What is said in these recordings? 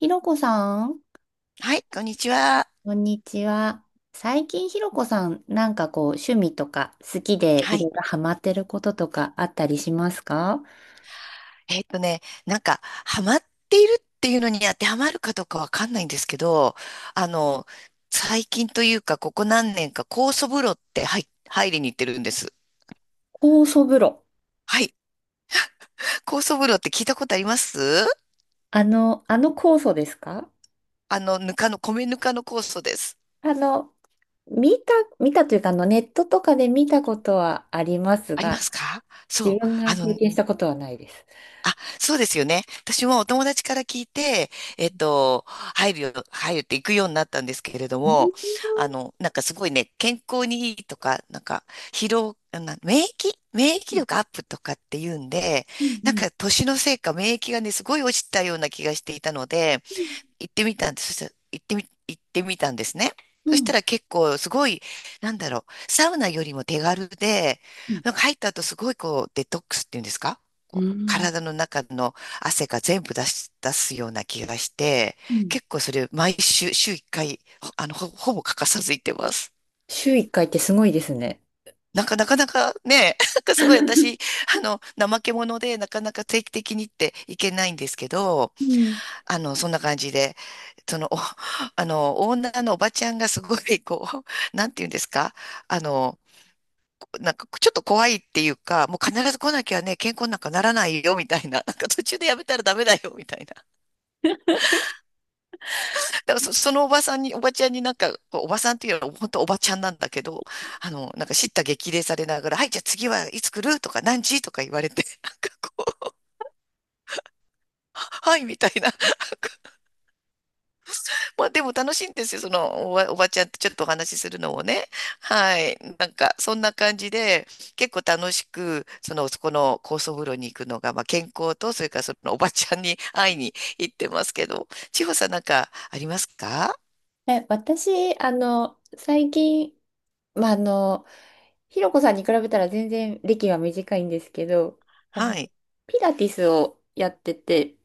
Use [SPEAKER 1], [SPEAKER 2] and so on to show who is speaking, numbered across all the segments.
[SPEAKER 1] ひろこさん、
[SPEAKER 2] はい、こんにちは。
[SPEAKER 1] こんにちは。最近ひろこさん、なんかこう、趣味とか好きで
[SPEAKER 2] は
[SPEAKER 1] いろ
[SPEAKER 2] い。
[SPEAKER 1] いろハマってることとかあったりしますか？
[SPEAKER 2] なんか、ハマっているっていうのに当てはまるかどうかわかんないんですけど、あの、最近というか、ここ何年か、酵素風呂って入りに行ってるんです。
[SPEAKER 1] 酵素風呂。
[SPEAKER 2] はい。酵素風呂って聞いたことあります？
[SPEAKER 1] あの酵素ですか？
[SPEAKER 2] ぬかの、米ぬかの酵素です。
[SPEAKER 1] あの、見た、見たというか、ネットとかで見たことはあります
[SPEAKER 2] ありま
[SPEAKER 1] が、
[SPEAKER 2] すか、そ
[SPEAKER 1] 自
[SPEAKER 2] う。
[SPEAKER 1] 分
[SPEAKER 2] あ
[SPEAKER 1] が経
[SPEAKER 2] の、
[SPEAKER 1] 験したことはないです。
[SPEAKER 2] あ、そうですよね。私もお友達から聞いて、入るって行くようになったんですけれども、なんかすごいね、健康にいいとか、なんか、疲労、な、免疫、免疫力アップとかっていうんで、
[SPEAKER 1] うんう
[SPEAKER 2] なん
[SPEAKER 1] ん
[SPEAKER 2] か年のせいか免疫がね、すごい落ちたような気がしていたので、行ってみたんです。そしたら行ってみたんですね。
[SPEAKER 1] う
[SPEAKER 2] そし
[SPEAKER 1] ん
[SPEAKER 2] たら結構すごい、なんだろう、サウナよりも手軽で、
[SPEAKER 1] うん
[SPEAKER 2] なんか入った後すごいこうデトックスっていうんですか？
[SPEAKER 1] う
[SPEAKER 2] こう
[SPEAKER 1] ん
[SPEAKER 2] 体の中の汗が全部出し、出すような気がして、
[SPEAKER 1] うん。
[SPEAKER 2] 結構それ毎週、週1回、ほあの、ほ、ほぼ欠かさず行ってます。
[SPEAKER 1] 週1回ってすごいですね。
[SPEAKER 2] なんかなかなかね、なんかすごい私、怠け者でなかなか定期的にっていけないんですけど、
[SPEAKER 1] うん。
[SPEAKER 2] そんな感じで、その、お、オーナーのおばちゃんがすごい、なんていうんですか、あの、なんか、ちょっと怖いっていうか、もう必ず来なきゃね、健康なんかならないよ、みたいな。なんか途中でやめたらダメだよ、みたいな。だからそのおばさんに、おばちゃんになんか、こうおばさんっていうのは本当おばちゃんなんだけど、なんか叱咤激励されながら、はい、じゃあ次はいつ来るとか、何時とか言われて、なんかこう、はい、みたいな。まあでも楽しいんですよ、おばちゃんとちょっとお話しするのもね。はい。なんか、そんな感じで、結構楽しく、その、そこの高層風呂に行くのが、まあ健康と、それからそのおばちゃんに会いに行ってますけど、千穂さんなんかありますか？
[SPEAKER 1] 私、最近、まあ、ひろこさんに比べたら全然歴は短いんですけど、あ
[SPEAKER 2] は
[SPEAKER 1] の、
[SPEAKER 2] い。
[SPEAKER 1] ピラティスをやってて、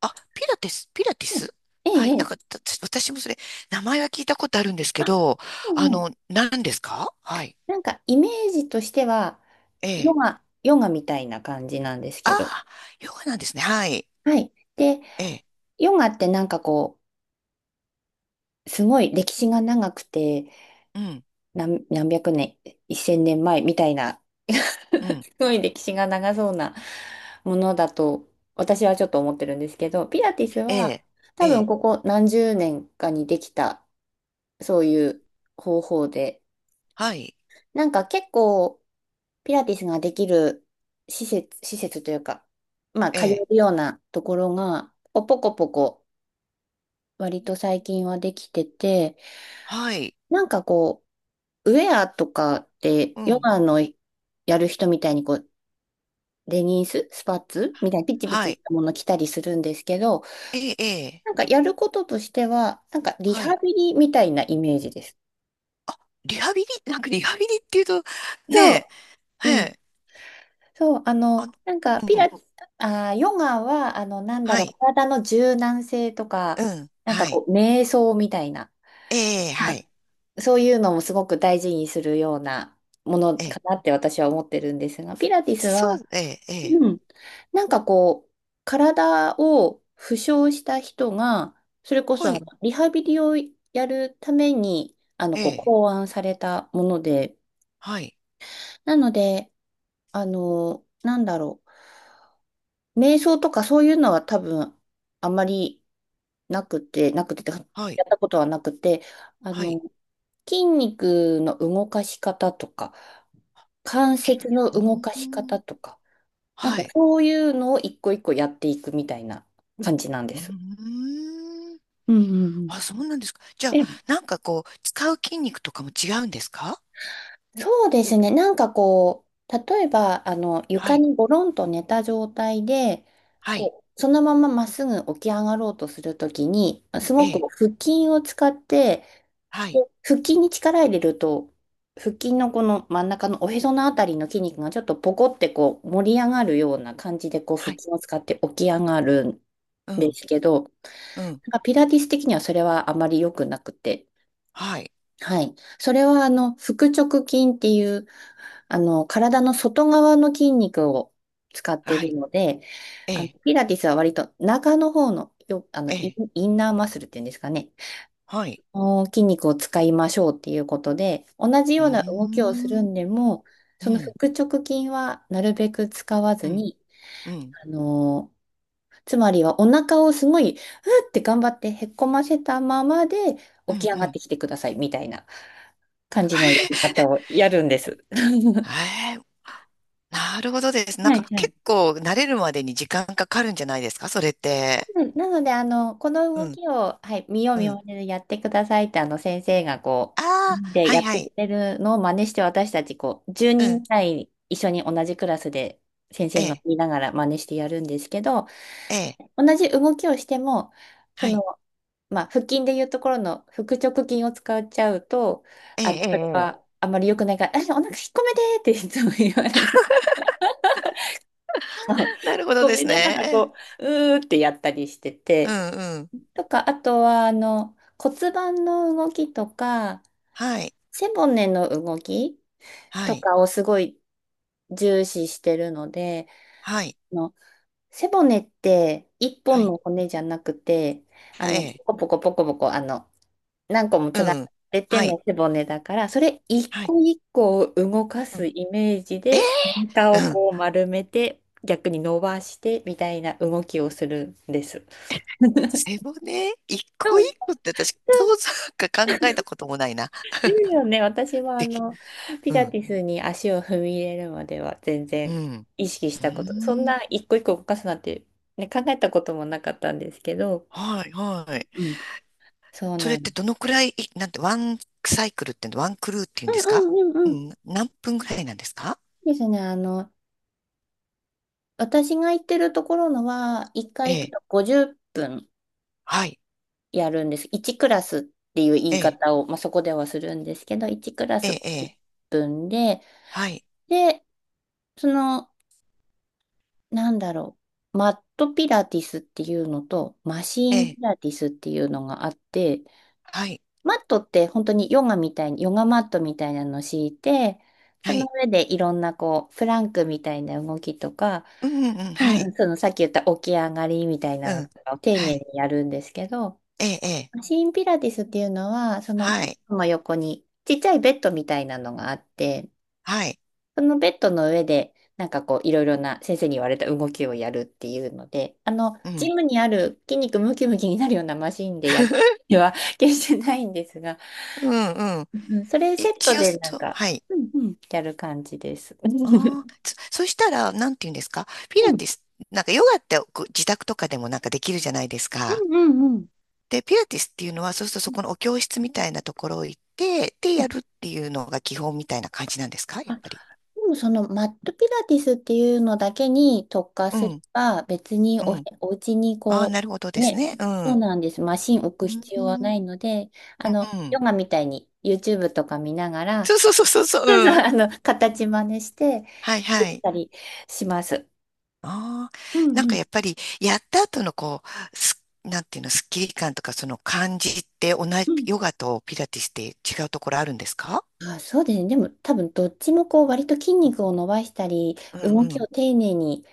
[SPEAKER 2] あ、ピラティス、ピラティ
[SPEAKER 1] え
[SPEAKER 2] ス。
[SPEAKER 1] え、
[SPEAKER 2] は
[SPEAKER 1] え
[SPEAKER 2] い。なん
[SPEAKER 1] え、
[SPEAKER 2] か、私もそれ、名前は聞いたことあるんですけ
[SPEAKER 1] あ、
[SPEAKER 2] ど、あ
[SPEAKER 1] うんうん、
[SPEAKER 2] の、何ですか？はい。
[SPEAKER 1] なんかイメージとしては、
[SPEAKER 2] ええ。
[SPEAKER 1] ヨガみたいな感じなんです
[SPEAKER 2] あ
[SPEAKER 1] けど、
[SPEAKER 2] あ、ヨガなんですね。はい。
[SPEAKER 1] はい。で、
[SPEAKER 2] ええ。
[SPEAKER 1] ヨガってなんかこう、すごい歴史が長くて、
[SPEAKER 2] うん、
[SPEAKER 1] 何百年、一千年前みたいな
[SPEAKER 2] うん。
[SPEAKER 1] すごい歴史が長そうなものだと私はちょっと思ってるんですけど、ピラティス
[SPEAKER 2] え
[SPEAKER 1] は
[SPEAKER 2] え、え
[SPEAKER 1] 多分
[SPEAKER 2] え。
[SPEAKER 1] ここ何十年かにできたそういう方法で、
[SPEAKER 2] はい。
[SPEAKER 1] なんか結構ピラティスができる施設というか、まあ
[SPEAKER 2] え
[SPEAKER 1] 通え
[SPEAKER 2] え、
[SPEAKER 1] るようなところがポコポコ割と最近はできてて、
[SPEAKER 2] はい、
[SPEAKER 1] なんかこう、ウェアとかって
[SPEAKER 2] う
[SPEAKER 1] ヨ
[SPEAKER 2] ん、
[SPEAKER 1] ガのやる人みたいにこうデニース、スパッツみたいなピチピ
[SPEAKER 2] は
[SPEAKER 1] チし
[SPEAKER 2] い、
[SPEAKER 1] たもの着たりするんですけど、
[SPEAKER 2] ええ、ええ、
[SPEAKER 1] なんかやることとしては、なんかリ
[SPEAKER 2] は
[SPEAKER 1] ハ
[SPEAKER 2] い。
[SPEAKER 1] ビリみたいなイメージです。
[SPEAKER 2] リハビリ、なんかリハビリっていうと、
[SPEAKER 1] そ
[SPEAKER 2] ね
[SPEAKER 1] う、う
[SPEAKER 2] え、え
[SPEAKER 1] ん。
[SPEAKER 2] え、
[SPEAKER 1] そう、あ
[SPEAKER 2] あの、
[SPEAKER 1] の、なんか
[SPEAKER 2] う
[SPEAKER 1] ピラ
[SPEAKER 2] ん、
[SPEAKER 1] ティス、あー、ヨガは、なんだ
[SPEAKER 2] は
[SPEAKER 1] ろう、
[SPEAKER 2] い、
[SPEAKER 1] 体の柔軟性とか、
[SPEAKER 2] うん、
[SPEAKER 1] なんか
[SPEAKER 2] はい、
[SPEAKER 1] こう、瞑想みたいな、
[SPEAKER 2] ええ、は
[SPEAKER 1] はい、
[SPEAKER 2] い、
[SPEAKER 1] そういうのもすごく大事にするようなもの
[SPEAKER 2] え
[SPEAKER 1] か
[SPEAKER 2] え、
[SPEAKER 1] なって私は思ってるんですが、ピラティス
[SPEAKER 2] そ
[SPEAKER 1] は、
[SPEAKER 2] う、ええ、ええ、
[SPEAKER 1] うん。なんかこう、体を負傷した人が、それこそ
[SPEAKER 2] は
[SPEAKER 1] あ
[SPEAKER 2] い、
[SPEAKER 1] のリハビリをやるために、
[SPEAKER 2] え
[SPEAKER 1] こう、
[SPEAKER 2] え、
[SPEAKER 1] 考案されたもので、
[SPEAKER 2] はい、
[SPEAKER 1] なので、なんだろう、瞑想とかそういうのは多分、あまりなくて、や
[SPEAKER 2] はい、
[SPEAKER 1] ったことはなくて、あ
[SPEAKER 2] は
[SPEAKER 1] の、
[SPEAKER 2] い、
[SPEAKER 1] 筋肉の動かし方とか、関節の
[SPEAKER 2] う
[SPEAKER 1] 動か
[SPEAKER 2] ー
[SPEAKER 1] し
[SPEAKER 2] ん、
[SPEAKER 1] 方とか、なん
[SPEAKER 2] は
[SPEAKER 1] か
[SPEAKER 2] い、
[SPEAKER 1] そういうのを一個一個やっていくみたいな感じなんで
[SPEAKER 2] うー
[SPEAKER 1] す。
[SPEAKER 2] ん、
[SPEAKER 1] うんうん。
[SPEAKER 2] あ、そうなんですか。じゃあ、
[SPEAKER 1] え、
[SPEAKER 2] なんかこう、使う筋肉とかも違うんですか？
[SPEAKER 1] そうですね。なんかこう、例えば、
[SPEAKER 2] は
[SPEAKER 1] 床
[SPEAKER 2] い、
[SPEAKER 1] にゴロンと寝た状態で、
[SPEAKER 2] はい、
[SPEAKER 1] こう、そのまままっすぐ起き上がろうとするときに、す
[SPEAKER 2] え
[SPEAKER 1] ごく
[SPEAKER 2] え、
[SPEAKER 1] 腹筋を使って、
[SPEAKER 2] はい、
[SPEAKER 1] こう腹筋に力入れると、腹筋のこの真ん中のおへそのあたりの筋肉がちょっとポコってこう盛り上がるような感じでこう腹
[SPEAKER 2] はい、
[SPEAKER 1] 筋を使って起き上がるん
[SPEAKER 2] う
[SPEAKER 1] で
[SPEAKER 2] ん、
[SPEAKER 1] すけど、な
[SPEAKER 2] うん、
[SPEAKER 1] んかピラティス的にはそれはあまり良くなくて。
[SPEAKER 2] はい、
[SPEAKER 1] はい。それは、腹直筋っていう、体の外側の筋肉を使っている
[SPEAKER 2] は
[SPEAKER 1] ので、
[SPEAKER 2] い、ええ、
[SPEAKER 1] ピラティスは割と中の方の、よ、あの、
[SPEAKER 2] え
[SPEAKER 1] イ
[SPEAKER 2] え、
[SPEAKER 1] ン、インナーマッスルっていうんですかね。
[SPEAKER 2] はい。
[SPEAKER 1] この筋肉を使いましょうっていうことで、同じ
[SPEAKER 2] う
[SPEAKER 1] よ
[SPEAKER 2] ー
[SPEAKER 1] うな動きをする
[SPEAKER 2] ん、
[SPEAKER 1] んでも、
[SPEAKER 2] う
[SPEAKER 1] その
[SPEAKER 2] ん、
[SPEAKER 1] 腹直筋はなるべく使わ
[SPEAKER 2] う
[SPEAKER 1] ず
[SPEAKER 2] ん、
[SPEAKER 1] に、
[SPEAKER 2] うん、
[SPEAKER 1] あの、つまりはお腹をすごい、うって頑張ってへっこませたままで
[SPEAKER 2] う
[SPEAKER 1] 起
[SPEAKER 2] ん、
[SPEAKER 1] き上
[SPEAKER 2] う
[SPEAKER 1] がっ
[SPEAKER 2] ん。
[SPEAKER 1] てきてくださいみたいな感 じのやり
[SPEAKER 2] ええ、
[SPEAKER 1] 方をやるんです。
[SPEAKER 2] へえ、なるほどです。なん
[SPEAKER 1] は
[SPEAKER 2] か
[SPEAKER 1] い、は
[SPEAKER 2] 結
[SPEAKER 1] い。
[SPEAKER 2] 構慣れるまでに時間かかるんじゃないですか、それって。
[SPEAKER 1] うん、なので、この
[SPEAKER 2] う
[SPEAKER 1] 動
[SPEAKER 2] ん、
[SPEAKER 1] きを、はい、見よう
[SPEAKER 2] う
[SPEAKER 1] 見
[SPEAKER 2] ん。
[SPEAKER 1] まねでやってくださいって、先生がこ
[SPEAKER 2] あ
[SPEAKER 1] う、
[SPEAKER 2] あ、
[SPEAKER 1] で、
[SPEAKER 2] は
[SPEAKER 1] や
[SPEAKER 2] い、
[SPEAKER 1] っ
[SPEAKER 2] は
[SPEAKER 1] て
[SPEAKER 2] い。
[SPEAKER 1] くれるのを真似して、私たち、こう、10
[SPEAKER 2] う
[SPEAKER 1] 人
[SPEAKER 2] ん、
[SPEAKER 1] ぐらい一緒に同じクラスで、先
[SPEAKER 2] え
[SPEAKER 1] 生の
[SPEAKER 2] え、
[SPEAKER 1] 見ながら真似してやるんですけど、
[SPEAKER 2] ええ、
[SPEAKER 1] 同じ動きをしても、そ
[SPEAKER 2] は
[SPEAKER 1] の、
[SPEAKER 2] い。
[SPEAKER 1] まあ、腹筋でいうところの腹直筋を使っちゃうと、
[SPEAKER 2] ええ、ええ、
[SPEAKER 1] それ
[SPEAKER 2] ええ、
[SPEAKER 1] はあまり良くないから、あ、お腹引っ込めてっていつも言われる。引
[SPEAKER 2] なるほど
[SPEAKER 1] っ込
[SPEAKER 2] で
[SPEAKER 1] め
[SPEAKER 2] す
[SPEAKER 1] ながら
[SPEAKER 2] ね。
[SPEAKER 1] こう、うーってやったりして
[SPEAKER 2] う
[SPEAKER 1] て。
[SPEAKER 2] ん、うん。
[SPEAKER 1] とか、あとは、骨盤の動きとか、
[SPEAKER 2] はい、
[SPEAKER 1] 背骨の動き
[SPEAKER 2] は
[SPEAKER 1] と
[SPEAKER 2] い、
[SPEAKER 1] かをすごい重視してるので、
[SPEAKER 2] はい、
[SPEAKER 1] あの、背骨って一
[SPEAKER 2] は
[SPEAKER 1] 本
[SPEAKER 2] い。
[SPEAKER 1] の骨じゃなくて、
[SPEAKER 2] ええ、
[SPEAKER 1] ポコポコポコポコ、何個も
[SPEAKER 2] う
[SPEAKER 1] 連な
[SPEAKER 2] ん、
[SPEAKER 1] れてて
[SPEAKER 2] はい、
[SPEAKER 1] の背骨だから、それ一
[SPEAKER 2] はい。
[SPEAKER 1] 個一個を動かす
[SPEAKER 2] う
[SPEAKER 1] イメージ
[SPEAKER 2] ん、
[SPEAKER 1] で、お腹
[SPEAKER 2] え
[SPEAKER 1] をこう
[SPEAKER 2] え、
[SPEAKER 1] 丸めて、逆に伸ばしてみたいな動きをするんです。
[SPEAKER 2] 背骨一個一個って私、そうそうか考えたこともないな。
[SPEAKER 1] いいよね。私は
[SPEAKER 2] でき、
[SPEAKER 1] ピ
[SPEAKER 2] う
[SPEAKER 1] ラ
[SPEAKER 2] ん、
[SPEAKER 1] ティスに足を踏み入れるまでは全
[SPEAKER 2] う
[SPEAKER 1] 然
[SPEAKER 2] ん。
[SPEAKER 1] 意識し
[SPEAKER 2] うー
[SPEAKER 1] たこと、そん
[SPEAKER 2] ん。
[SPEAKER 1] な一個一個動かすなんて、ね、考えたこともなかったんですけど、
[SPEAKER 2] はい、はい。
[SPEAKER 1] うん、そう
[SPEAKER 2] それ
[SPEAKER 1] な
[SPEAKER 2] っ
[SPEAKER 1] んで
[SPEAKER 2] て
[SPEAKER 1] す。
[SPEAKER 2] どのくらい、なんて、ワンサイクルって、ワンクルーっていう
[SPEAKER 1] う
[SPEAKER 2] んです
[SPEAKER 1] んう
[SPEAKER 2] か？
[SPEAKER 1] んう
[SPEAKER 2] う
[SPEAKER 1] んうん。
[SPEAKER 2] ん、何分ぐらいなんですか？
[SPEAKER 1] ですね。私が行ってるところのは、1
[SPEAKER 2] え
[SPEAKER 1] 回行く
[SPEAKER 2] え、
[SPEAKER 1] と50分。
[SPEAKER 2] はい、
[SPEAKER 1] やるんです。1クラスっていう言
[SPEAKER 2] え
[SPEAKER 1] い
[SPEAKER 2] え、
[SPEAKER 1] 方を、まあ、そこではするんですけど、1クラ
[SPEAKER 2] え
[SPEAKER 1] ス
[SPEAKER 2] え、
[SPEAKER 1] 50
[SPEAKER 2] ええ、
[SPEAKER 1] 分で、
[SPEAKER 2] はい、
[SPEAKER 1] で、その、なんだろう、マットピラティスっていうのと、マシ
[SPEAKER 2] え
[SPEAKER 1] ーン
[SPEAKER 2] え、
[SPEAKER 1] ピラティスっていうのがあって、
[SPEAKER 2] はい、
[SPEAKER 1] マットって本当にヨガみたいに、ヨガマットみたいなのを敷いて、そ
[SPEAKER 2] は
[SPEAKER 1] の
[SPEAKER 2] い、
[SPEAKER 1] 上でいろんなこう、プランクみたいな動きとか、
[SPEAKER 2] うん、うん、うん、
[SPEAKER 1] う
[SPEAKER 2] は
[SPEAKER 1] んう
[SPEAKER 2] い、
[SPEAKER 1] ん、そのさっき言った起き上がりみたい
[SPEAKER 2] う
[SPEAKER 1] なの
[SPEAKER 2] ん、
[SPEAKER 1] を丁
[SPEAKER 2] は
[SPEAKER 1] 寧に
[SPEAKER 2] い、
[SPEAKER 1] やるんですけど、
[SPEAKER 2] ええ、ええ、
[SPEAKER 1] マシンピラティスっていうのは、
[SPEAKER 2] はい、
[SPEAKER 1] その横にちっちゃいベッドみたいなのがあって、
[SPEAKER 2] はい、
[SPEAKER 1] そのベッドの上で、なんかこう、いろいろな先生に言われた動きをやるっていうので、
[SPEAKER 2] う
[SPEAKER 1] ジ
[SPEAKER 2] ん。
[SPEAKER 1] ムにある筋肉ムキムキになるようなマシンでやる では 決してないんですが、
[SPEAKER 2] うん、うん。
[SPEAKER 1] うん、それセット
[SPEAKER 2] 一応
[SPEAKER 1] でなん
[SPEAKER 2] そう、
[SPEAKER 1] か、
[SPEAKER 2] はい。
[SPEAKER 1] うんうん、やる感じです。
[SPEAKER 2] ああ、そしたら、なんて言うんですか、ピ
[SPEAKER 1] う
[SPEAKER 2] ラ
[SPEAKER 1] ん
[SPEAKER 2] ティス、なんかヨガってこう自宅とかでもなんかできるじゃないです
[SPEAKER 1] う
[SPEAKER 2] か。
[SPEAKER 1] んうんうん。
[SPEAKER 2] で、ピラティスっていうのは、そうするとそこのお教室みたいなところ行って、で、
[SPEAKER 1] うん、
[SPEAKER 2] やるっていうのが基本みたいな感じなんですか、やっぱり。
[SPEAKER 1] でもそのマットピラティスっていうのだけに特化
[SPEAKER 2] う
[SPEAKER 1] すれ
[SPEAKER 2] ん、
[SPEAKER 1] ば別に
[SPEAKER 2] うん。
[SPEAKER 1] お家に
[SPEAKER 2] ああ、な
[SPEAKER 1] こ
[SPEAKER 2] るほど
[SPEAKER 1] う、
[SPEAKER 2] です
[SPEAKER 1] ね、
[SPEAKER 2] ね。う
[SPEAKER 1] そう
[SPEAKER 2] ん。
[SPEAKER 1] なんです。マシン置
[SPEAKER 2] う
[SPEAKER 1] く
[SPEAKER 2] ん、
[SPEAKER 1] 必
[SPEAKER 2] う
[SPEAKER 1] 要はな
[SPEAKER 2] ん。
[SPEAKER 1] いので、
[SPEAKER 2] うん、
[SPEAKER 1] ヨガみたいに YouTube とか見ながら、
[SPEAKER 2] そうそうそうそうそう。
[SPEAKER 1] そうそう、
[SPEAKER 2] うん。
[SPEAKER 1] 形真似して
[SPEAKER 2] はい、
[SPEAKER 1] で
[SPEAKER 2] は
[SPEAKER 1] き
[SPEAKER 2] い。
[SPEAKER 1] たりします。
[SPEAKER 2] ああ、
[SPEAKER 1] う
[SPEAKER 2] なん
[SPEAKER 1] んう
[SPEAKER 2] か
[SPEAKER 1] ん
[SPEAKER 2] やっぱり、やった後のなんていうの、スッキリ感とかその感じって同
[SPEAKER 1] う
[SPEAKER 2] じ、
[SPEAKER 1] ん。
[SPEAKER 2] ヨガとピラティスって違うところあるんですか？
[SPEAKER 1] あ、そうですね。でも多分どっちもこう割と筋肉を伸ばしたり、
[SPEAKER 2] うん、
[SPEAKER 1] 動
[SPEAKER 2] う
[SPEAKER 1] きを
[SPEAKER 2] ん、
[SPEAKER 1] 丁寧に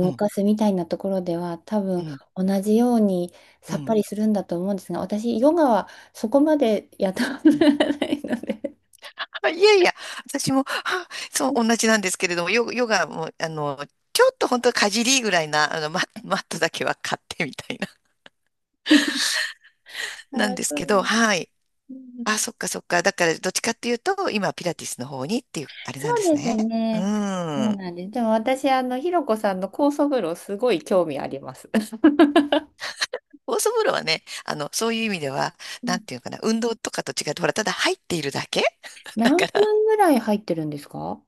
[SPEAKER 2] うん、
[SPEAKER 1] かすみたいなところでは多
[SPEAKER 2] う
[SPEAKER 1] 分
[SPEAKER 2] ん、
[SPEAKER 1] 同じように
[SPEAKER 2] う
[SPEAKER 1] さっぱ
[SPEAKER 2] ん、
[SPEAKER 1] りするんだと思うんですが、私ヨガはそこまでやったこ
[SPEAKER 2] う
[SPEAKER 1] とが
[SPEAKER 2] ん。
[SPEAKER 1] ないので、
[SPEAKER 2] あ、いやいや、私も、あ、そう、同じなんですけれども、ヨガも、あの、ちょっと本当かじりぐらいな、マットだけは買ってみたいな、なんです
[SPEAKER 1] そう
[SPEAKER 2] け
[SPEAKER 1] な
[SPEAKER 2] ど、
[SPEAKER 1] んです。
[SPEAKER 2] はい。
[SPEAKER 1] う
[SPEAKER 2] あ、
[SPEAKER 1] ん、
[SPEAKER 2] そっかそっか。だから、どっちかっていうと、今、ピラティスの方にっていう、あれなん
[SPEAKER 1] そ
[SPEAKER 2] で
[SPEAKER 1] う
[SPEAKER 2] す
[SPEAKER 1] です
[SPEAKER 2] ね。う
[SPEAKER 1] ね。そう
[SPEAKER 2] ん。
[SPEAKER 1] なんです。でも私ひろこさんの酵素風呂すごい興味あります。
[SPEAKER 2] オーソブロはね、あの、そういう意味では、
[SPEAKER 1] う
[SPEAKER 2] な
[SPEAKER 1] ん。
[SPEAKER 2] んていうのかな、運動とかと違って、ほら、ただ入っているだけ。
[SPEAKER 1] 何分ぐらい入ってるんですか？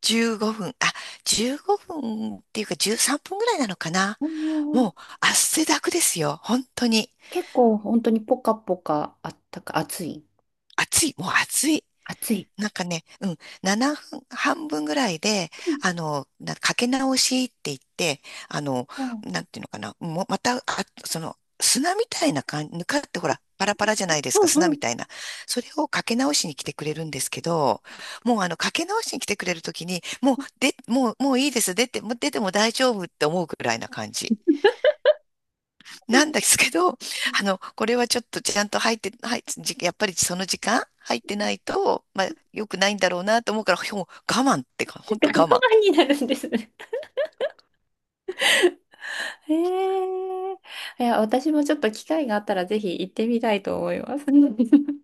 [SPEAKER 2] 15 分、あ、15分っていうか13分ぐらいなのかな。
[SPEAKER 1] お
[SPEAKER 2] も
[SPEAKER 1] ー。
[SPEAKER 2] う汗だくですよ。本当に。
[SPEAKER 1] 結構本当にポカポカあったか暑い。
[SPEAKER 2] 暑い。もう暑い。
[SPEAKER 1] 暑い。
[SPEAKER 2] なんかね、うん、7分、半分ぐらいで、
[SPEAKER 1] うん
[SPEAKER 2] あの、なかけ直しって言って、あの、
[SPEAKER 1] うん
[SPEAKER 2] なんていうのかな、もうまた、あ、その、砂みたいな感じ、ぬかってほら、パラパラじゃないですか、
[SPEAKER 1] うん
[SPEAKER 2] 砂
[SPEAKER 1] う
[SPEAKER 2] みた
[SPEAKER 1] ん。
[SPEAKER 2] いな。それをかけ直しに来てくれるんですけど、もうあの、かけ直しに来てくれるときに、もういいです、もう出ても大丈夫って思うぐらいな感じ。なんですけど、あの、これはちょっとちゃんと入って、はい、じやっぱりその時間入ってないと、まあ、良くないんだろうなと思うから、ほん我慢ってか、本当我
[SPEAKER 1] 我慢
[SPEAKER 2] 慢。
[SPEAKER 1] になるんですね。ええ。いや、私もちょっと機会があったらぜひ行ってみたいと思います。